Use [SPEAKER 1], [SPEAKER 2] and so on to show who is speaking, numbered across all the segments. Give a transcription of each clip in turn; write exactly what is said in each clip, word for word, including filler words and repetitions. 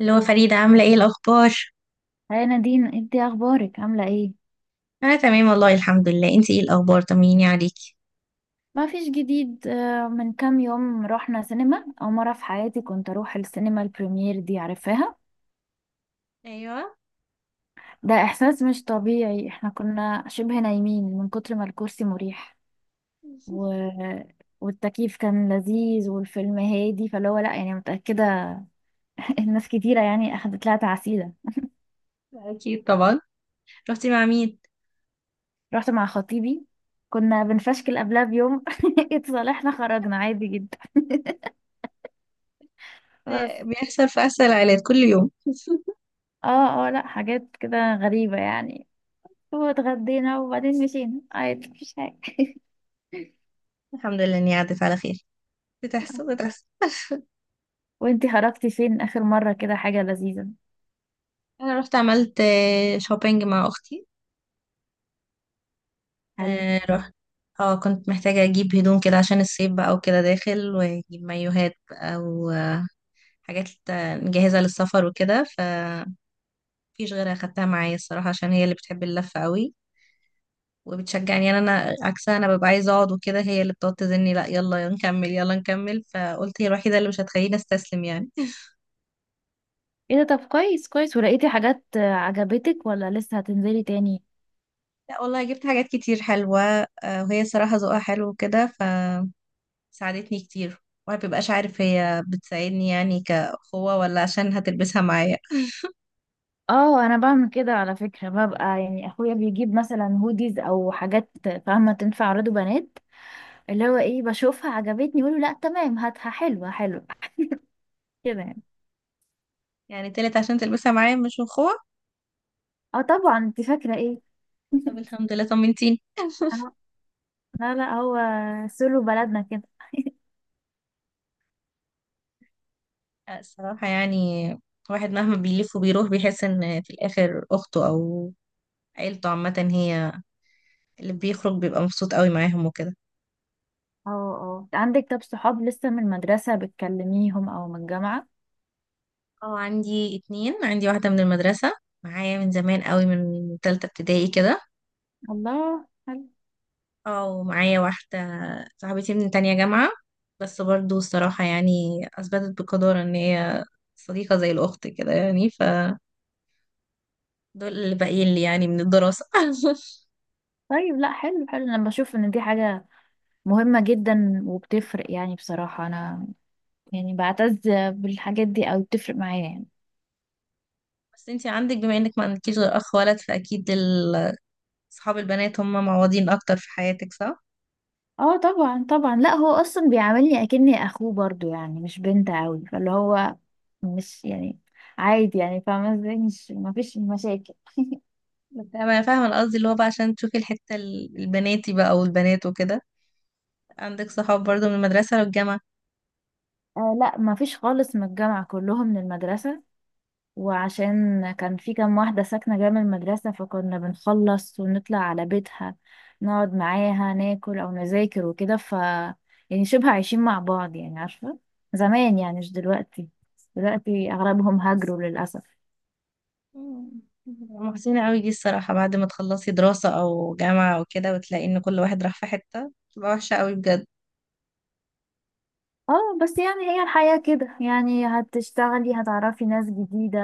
[SPEAKER 1] اللي هو فريدة عاملة ايه الأخبار؟
[SPEAKER 2] هاي نادين، انت اخبارك عامله ايه؟
[SPEAKER 1] أنا تمام والله الحمد لله، انتي ايه الأخبار؟ طمنيني عليكي.
[SPEAKER 2] ما فيش جديد. آه، من كام يوم رحنا سينما. اول مره في حياتي كنت اروح السينما، البريمير دي عارفاها؟
[SPEAKER 1] أيوة.
[SPEAKER 2] ده احساس مش طبيعي. احنا كنا شبه نايمين من كتر ما الكرسي مريح، و... والتكييف كان لذيذ، والفيلم هادي فاللي هو لا يعني متاكده. الناس كتيره يعني اخدت لها تعسيده.
[SPEAKER 1] أكيد طبعا. رحتي مع مين؟
[SPEAKER 2] رحت مع خطيبي. كنا بنفشكل قبلها بيوم، اتصالحنا، خرجنا عادي جدا بس.
[SPEAKER 1] آه، بيحصل في أسهل العائلات كل يوم
[SPEAKER 2] اه اه، لا، حاجات كده غريبة يعني. واتغدينا وبعدين مشينا عادي، مفيش حاجة.
[SPEAKER 1] الحمد لله إني عدت على خير. بتحصل بتحصل.
[SPEAKER 2] وانتي خرجتي فين آخر مرة؟ كده حاجة لذيذة.
[SPEAKER 1] أنا رحت عملت آه، شوبينج مع أختي.
[SPEAKER 2] حلو.
[SPEAKER 1] آه، رحت. اه، كنت محتاجة أجيب هدوم كده عشان الصيف بقى وكده داخل، وأجيب مايوهات بقى وحاجات آه، جاهزة للسفر وكده، فمفيش غيرها أخدتها معايا الصراحة عشان هي اللي بتحب اللفة قوي، وبتشجعني. يعني انا عكسها، انا ببقى عايزه اقعد وكده، هي اللي بتقعد تزني لا يلا نكمل يلا نكمل، فقلت هي الوحيده اللي مش هتخليني استسلم يعني
[SPEAKER 2] ايه ده؟ طب كويس كويس. ولقيتي حاجات آه، عجبتك ولا لسه هتنزلي تاني؟
[SPEAKER 1] لا والله جبت حاجات كتير حلوه. آه، وهي صراحه ذوقها حلو وكده فساعدتني كتير. وما بيبقاش عارف هي بتساعدني يعني كأخوة ولا عشان هتلبسها معايا.
[SPEAKER 2] اه انا بعمل كده على فكرة، ببقى يعني اخويا بيجيب مثلا هوديز او حاجات، فاهمة؟ تنفع عراض بنات. اللي هو ايه، بشوفها عجبتني يقولوا لا تمام هاتها، حلوة حلوة كده يعني.
[SPEAKER 1] يعني طلعت عشان تلبسها معايا مش أخوة.
[SPEAKER 2] اه طبعا، انت فاكرة ايه؟
[SPEAKER 1] طب الحمد لله طمنتيني.
[SPEAKER 2] اه، لا لا، هو سولو بلدنا كده.
[SPEAKER 1] آه، الصراحة يعني الواحد مهما بيلف وبيروح بيحس إن في الآخر أخته أو عيلته عامة، هي اللي بيخرج بيبقى مبسوط قوي معاهم وكده.
[SPEAKER 2] اه اه، عندك طب صحاب لسه من المدرسة بتكلميهم او من الجامعة؟
[SPEAKER 1] اه عندي اتنين، عندي واحدة من المدرسة معايا من زمان قوي، من تالتة ابتدائي كده.
[SPEAKER 2] الله، حلو.
[SPEAKER 1] اه ومعايا واحدة صاحبتي من تانية جامعة، بس برضو الصراحة يعني أثبتت بقدر إن هي صديقة زي الأخت كده يعني، فدول اللي باقيين لي يعني من الدراسة
[SPEAKER 2] طيب لا، حلو حلو. انا بشوف ان دي حاجة مهمة جدا وبتفرق، يعني بصراحة انا يعني بعتز بالحاجات دي، او بتفرق معايا يعني.
[SPEAKER 1] بس انتي عندك، بما إنك ما عندكيش غير أخ ولد، فأكيد ال- صحاب البنات هم معوضين أكتر في حياتك، صح؟
[SPEAKER 2] اه طبعا طبعا. لا، هو اصلا بيعاملني اكني اخوه برضو، يعني مش بنت قوي فاللي هو مش يعني عادي يعني، فاهمة ازاي؟ مش، مفيش مشاكل.
[SPEAKER 1] بس أنا فاهمة القصد اللي هو بقى عشان تشوفي الحتة ال- البناتي بقى، والبنات وكده عندك صحاب برضو من المدرسة والجامعة.
[SPEAKER 2] آه لا، مفيش خالص من الجامعة، كلهم من المدرسة. وعشان كان في كام واحدة ساكنة جنب المدرسة فكنا بنخلص ونطلع على بيتها نقعد معاها ناكل أو نذاكر وكده ف، يعني شبه عايشين مع بعض، يعني عارفة، زمان يعني مش دلوقتي. دلوقتي أغلبهم هاجروا للأسف.
[SPEAKER 1] مم. محزنة قوي دي الصراحة، بعد ما تخلصي دراسة أو جامعة أو كده وتلاقي إن كل واحد راح في حتة، بتبقى وحشة قوي بجد.
[SPEAKER 2] اه بس يعني هي الحياة كده، يعني هتشتغلي هتعرفي ناس جديدة،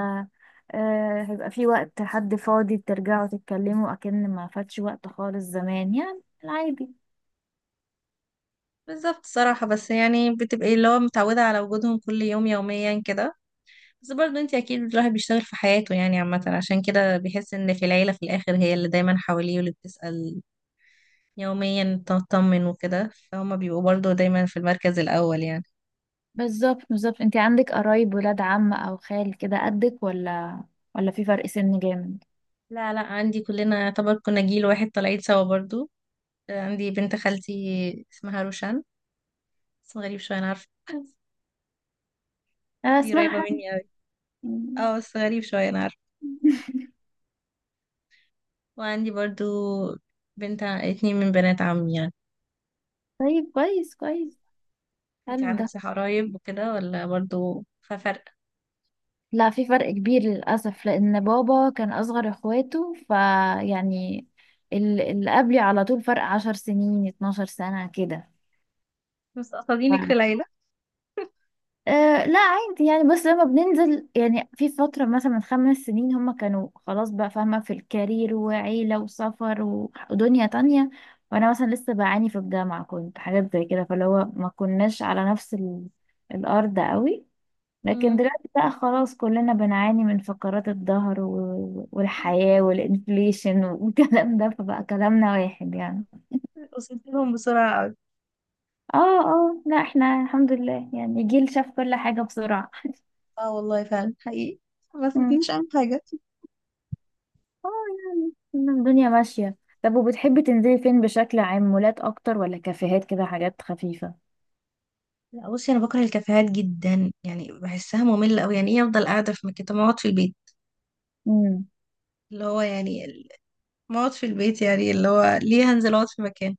[SPEAKER 2] آه، هيبقى في وقت حد فاضي ترجعوا تتكلموا أكن ما فاتش وقت خالص، زمان يعني العادي.
[SPEAKER 1] بالظبط الصراحة، بس يعني بتبقي اللي هو متعودة على وجودهم كل يوم يوميا كده. بس برضو انتي أكيد الواحد بيشتغل في حياته يعني عامة، عشان كده بيحس إن في العيلة في الآخر هي اللي دايما حواليه، واللي بتسأل يوميا تطمن وكده، فهما بيبقوا برضو دايما في المركز الأول يعني.
[SPEAKER 2] بالظبط بالظبط. انت عندك قرايب ولاد عم او خال كده قدك ولا؟ ولا في فرق سن جامد؟
[SPEAKER 1] لا لا عندي، كلنا يعتبر كنا جيل واحد طالعين سوا برضو. عندي بنت خالتي اسمها روشان، اسم غريب شوية أنا عارفة
[SPEAKER 2] انا
[SPEAKER 1] دي
[SPEAKER 2] اسمها
[SPEAKER 1] قريبة
[SPEAKER 2] حاجة.
[SPEAKER 1] مني أوي. اه بس غريب شوية أنا عارفة. وعندي برضو بنت ع- اتنين من بنات عمي يعني.
[SPEAKER 2] طيب كويس كويس،
[SPEAKER 1] انت
[SPEAKER 2] حلو
[SPEAKER 1] عندك
[SPEAKER 2] ده.
[SPEAKER 1] صح قرايب وكده ولا برضو ففرق؟
[SPEAKER 2] لا، في فرق كبير للأسف، لأن بابا كان أصغر إخواته فيعني ال- اللي قبلي على طول فرق عشر سنين اتناشر سنة كده.
[SPEAKER 1] مستقصدينك في العيلة.
[SPEAKER 2] أه لا عادي يعني، بس لما بننزل يعني في فترة مثلا من خمس سنين هما كانوا خلاص بقى فاهمة، في الكارير وعيلة وسفر و- ودنيا تانية. وأنا مثلا لسه بعاني في الجامعة، كنت حاجات زي كده فاللي هو ما كناش على نفس ال... الأرض قوي. لكن
[SPEAKER 1] مم.
[SPEAKER 2] دلوقتي بقى خلاص كلنا بنعاني من فقرات الظهر و... والحياة والإنفليشن والكلام ده، فبقى كلامنا واحد يعني.
[SPEAKER 1] وصلت لهم بسرعة أوي.
[SPEAKER 2] اه اه، لا احنا الحمد لله يعني جيل شاف كل حاجة بسرعة.
[SPEAKER 1] اه والله فعلا حقيقي، ما فاتنيش أي حاجة.
[SPEAKER 2] اه، يعني إن الدنيا ماشية. طب وبتحبي تنزلي فين بشكل عام؟ مولات اكتر ولا كافيهات كده حاجات خفيفة؟
[SPEAKER 1] لا بصي، أنا بكره الكافيهات جدا، يعني بحسها مملة أوي. يعني إيه أفضل قاعدة في مكان؟ طب ما أقعد في البيت،
[SPEAKER 2] امم.
[SPEAKER 1] اللي هو يعني ما اقعد في البيت يعني، اللي هو ليه هنزل اقعد في مكان؟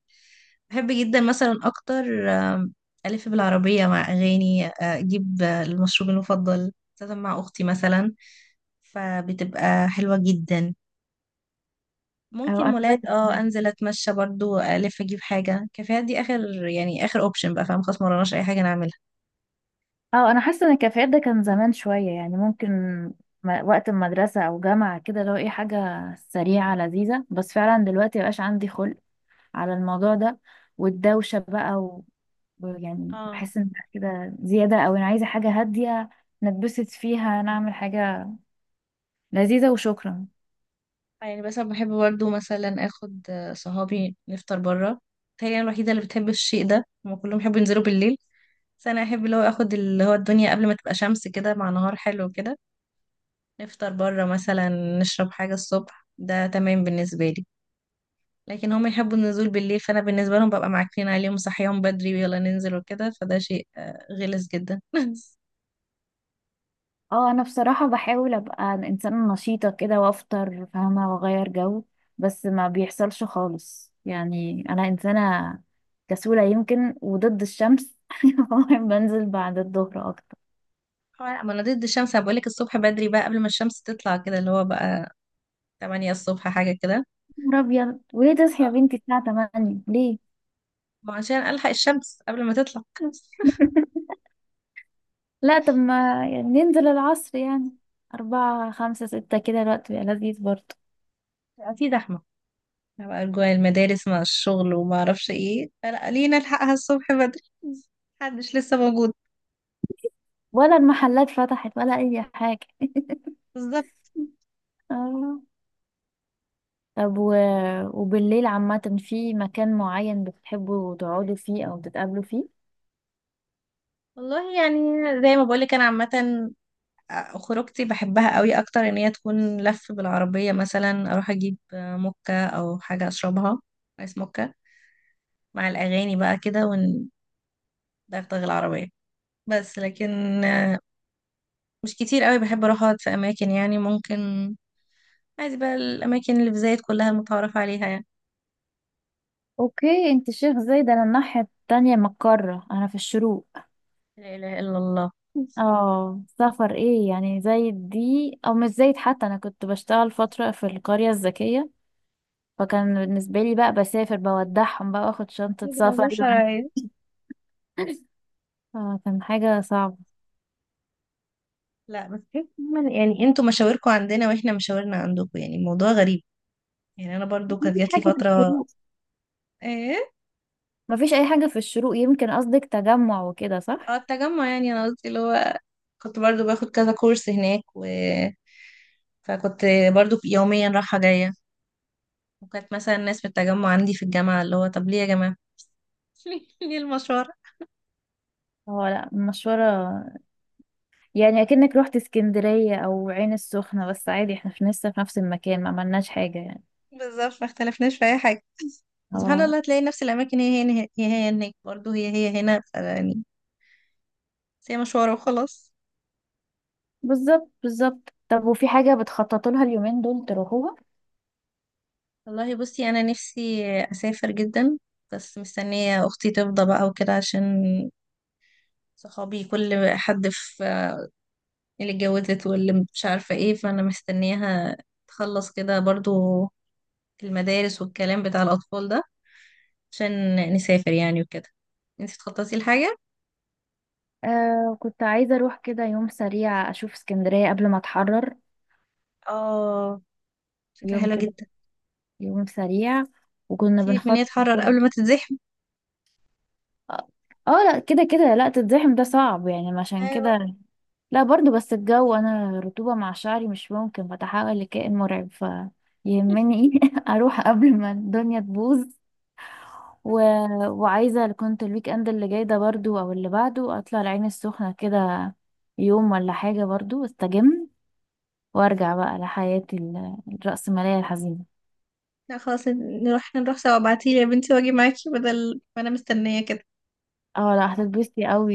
[SPEAKER 1] بحب جدا مثلا اكتر آم، الف بالعربيه مع اغاني، آه، اجيب آه، المشروب المفضل، خاصه مع اختي مثلا، فبتبقى حلوه جدا.
[SPEAKER 2] اه
[SPEAKER 1] ممكن
[SPEAKER 2] انا زيك.
[SPEAKER 1] مولات، اه انزل اتمشى برضو الف اجيب حاجه. كافيهات دي اخر يعني اخر اوبشن بقى، فاهم خلاص مرناش اي حاجه نعملها.
[SPEAKER 2] اه انا حاسة ان الكافيهات ده كان زمان شوية، يعني ممكن م- وقت المدرسة او جامعة كده لو ايه حاجة سريعة لذيذة، بس فعلا دلوقتي مبقاش عندي خلق على الموضوع ده، والدوشة بقى و... يعني
[SPEAKER 1] اه،
[SPEAKER 2] بحس ان لأ، كده زيادة، او انا عايزة حاجة هادية نتبسط فيها، نعمل حاجة لذيذة وشكرا.
[SPEAKER 1] يعني بس أنا بحب برضه مثلا اخد آه، صحابي نفطر بره. تهيألي انا الوحيده اللي بتحب الشيء ده، هما كلهم بيحبوا ينزلوا بالليل، بس انا احب اللي هو اخد اللي هو الدنيا قبل ما تبقى شمس كده، مع نهار حلو كده، نفطر بره مثلا، نشرب حاجه الصبح. ده تمام بالنسبه لي، لكن هم يحبوا النزول بالليل، فانا بالنسبه لهم ببقى معكنين عليهم صحيهم بدري ويلا ننزل وكده، فده شيء آه، غلس جدا
[SPEAKER 2] اه انا بصراحة بحاول ابقى انسانة نشيطة كده وافطر، فاهمة، واغير جو، بس ما بيحصلش خالص. يعني انا انسانة كسولة يمكن وضد الشمس، فمهم بنزل بعد الظهر اكتر.
[SPEAKER 1] هو لا ما انا ضد الشمس، انا بقولك الصبح بدري بقى قبل ما الشمس تطلع كده، اللي هو بقى تمانية الصبح حاجه كده،
[SPEAKER 2] يا نهار ابيض! وليه تصحي يا بنتي الساعة تمانية؟ ليه؟
[SPEAKER 1] وعشان ألحق الشمس قبل ما تطلع
[SPEAKER 2] لا طب، ما يعني ننزل العصر يعني، أربعة خمسة ستة كده الوقت بيبقى لذيذ برضه.
[SPEAKER 1] بقى في زحمة، بقى جوا المدارس مع الشغل وما أعرفش ايه، فلا لينا نلحقها الصبح بدري، محدش لسه موجود.
[SPEAKER 2] ولا المحلات فتحت ولا أي حاجة.
[SPEAKER 1] بالظبط.
[SPEAKER 2] آه. طب و... وبالليل عامة في مكان معين بتحبوا تقعدوا فيه أو تتقابلوا فيه؟
[SPEAKER 1] والله يعني زي ما بقولك أنا عامة خروجتي بحبها قوي أكتر إن هي تكون لف بالعربية، مثلا أروح أجيب مكة أو حاجة أشربها، آيس مكة، مع الأغاني بقى كده وندغدغ العربية. بس لكن مش كتير قوي بحب أروح أقعد في أماكن، يعني ممكن عايز بقى الأماكن اللي في زايد كلها المتعارف عليها يعني.
[SPEAKER 2] اوكي، انت شيخ زايد، انا الناحية التانية من القارة، انا في الشروق.
[SPEAKER 1] لا إله إلا الله،
[SPEAKER 2] اه سفر ايه يعني زايد دي، او مش زايد حتى، انا كنت بشتغل فترة في القرية الذكية فكان بالنسبة لي بقى بسافر، بودعهم بقى واخد شنطة
[SPEAKER 1] العزوم
[SPEAKER 2] سفري وأنا-
[SPEAKER 1] شرعية.
[SPEAKER 2] اه، كان حاجة صعبة.
[SPEAKER 1] لا بس كيف من- يعني انتوا مشاوركم عندنا واحنا مشاورنا عندكم، يعني الموضوع غريب. يعني انا برضو كانت
[SPEAKER 2] مفيش
[SPEAKER 1] جات لي
[SPEAKER 2] حاجة في
[SPEAKER 1] فتره.
[SPEAKER 2] الشروق.
[SPEAKER 1] ايه.
[SPEAKER 2] مفيش أي حاجة في الشروق، يمكن قصدك تجمع وكده
[SPEAKER 1] اه
[SPEAKER 2] صح؟
[SPEAKER 1] التجمع، يعني انا قصدي اللي هو كنت برضو باخد كذا كورس هناك، و فكنت برضو يوميا رايحه جايه. وكانت مثلا ناس من التجمع عندي في الجامعه اللي هو طب ليه يا جماعه ليه ليه المشوار.
[SPEAKER 2] اه لا، المشورة يعني اكنك رحت اسكندرية او عين السخنة، بس عادي احنا في لسه في نفس المكان، ما عملناش حاجة يعني.
[SPEAKER 1] بالظبط، ما اختلفناش في اي حاجه. سبحان
[SPEAKER 2] اه.
[SPEAKER 1] الله، تلاقي نفس الاماكن هي هنا، هي هي هناك برضه، هي هي هنا يعني، بس هي مشوار وخلاص.
[SPEAKER 2] بالظبط بالظبط. طب وفي حاجة بتخططوا لها اليومين دول تروحوها؟
[SPEAKER 1] والله بصي انا نفسي اسافر جدا، بس مستنيه اختي تفضى بقى وكده، عشان صحابي كل حد في اللي اتجوزت واللي مش عارفه ايه، فانا مستنياها تخلص كده برضو المدارس والكلام بتاع الاطفال ده عشان نسافر يعني وكده. انت تخططي لحاجه؟
[SPEAKER 2] آه كنت عايزة اروح كده يوم سريع اشوف اسكندرية قبل ما اتحرر.
[SPEAKER 1] اه، فكره
[SPEAKER 2] يوم
[SPEAKER 1] حلوه
[SPEAKER 2] كده،
[SPEAKER 1] جدا.
[SPEAKER 2] يوم سريع. وكنا
[SPEAKER 1] سيبك من إن
[SPEAKER 2] بنخطط.
[SPEAKER 1] هي تحرر قبل ما تتزحم.
[SPEAKER 2] اه. آه، لا، كده كده لا تتزحم ده صعب يعني، عشان
[SPEAKER 1] ايوه.
[SPEAKER 2] كده لا برضو. بس الجو، انا رطوبة مع شعري مش ممكن، بتحول لكائن مرعب فيهمني، اروح قبل ما الدنيا تبوظ. و... وعايزة كنت الويك اند اللي جاي ده برضو او اللي بعده اطلع العين السخنة كده يوم ولا حاجة برضو، استجم وارجع بقى لحياتي ال- الرأسمالية الحزينة.
[SPEAKER 1] لا خلاص نروح نروح سوا، ابعتيلي يا بنتي واجي معاكي بدل ما انا مستنية كده.
[SPEAKER 2] اه لا، هتتبسطي قوي.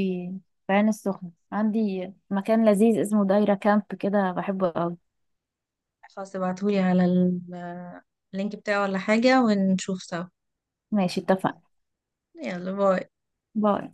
[SPEAKER 2] في العين السخنة عندي مكان لذيذ اسمه دايرة كامب كده، بحبه قوي.
[SPEAKER 1] خلاص ابعتهولي على ال- اللينك بتاعه ولا حاجة ونشوف سوا.
[SPEAKER 2] ماشي اتفقنا.
[SPEAKER 1] يلا باي.
[SPEAKER 2] باي.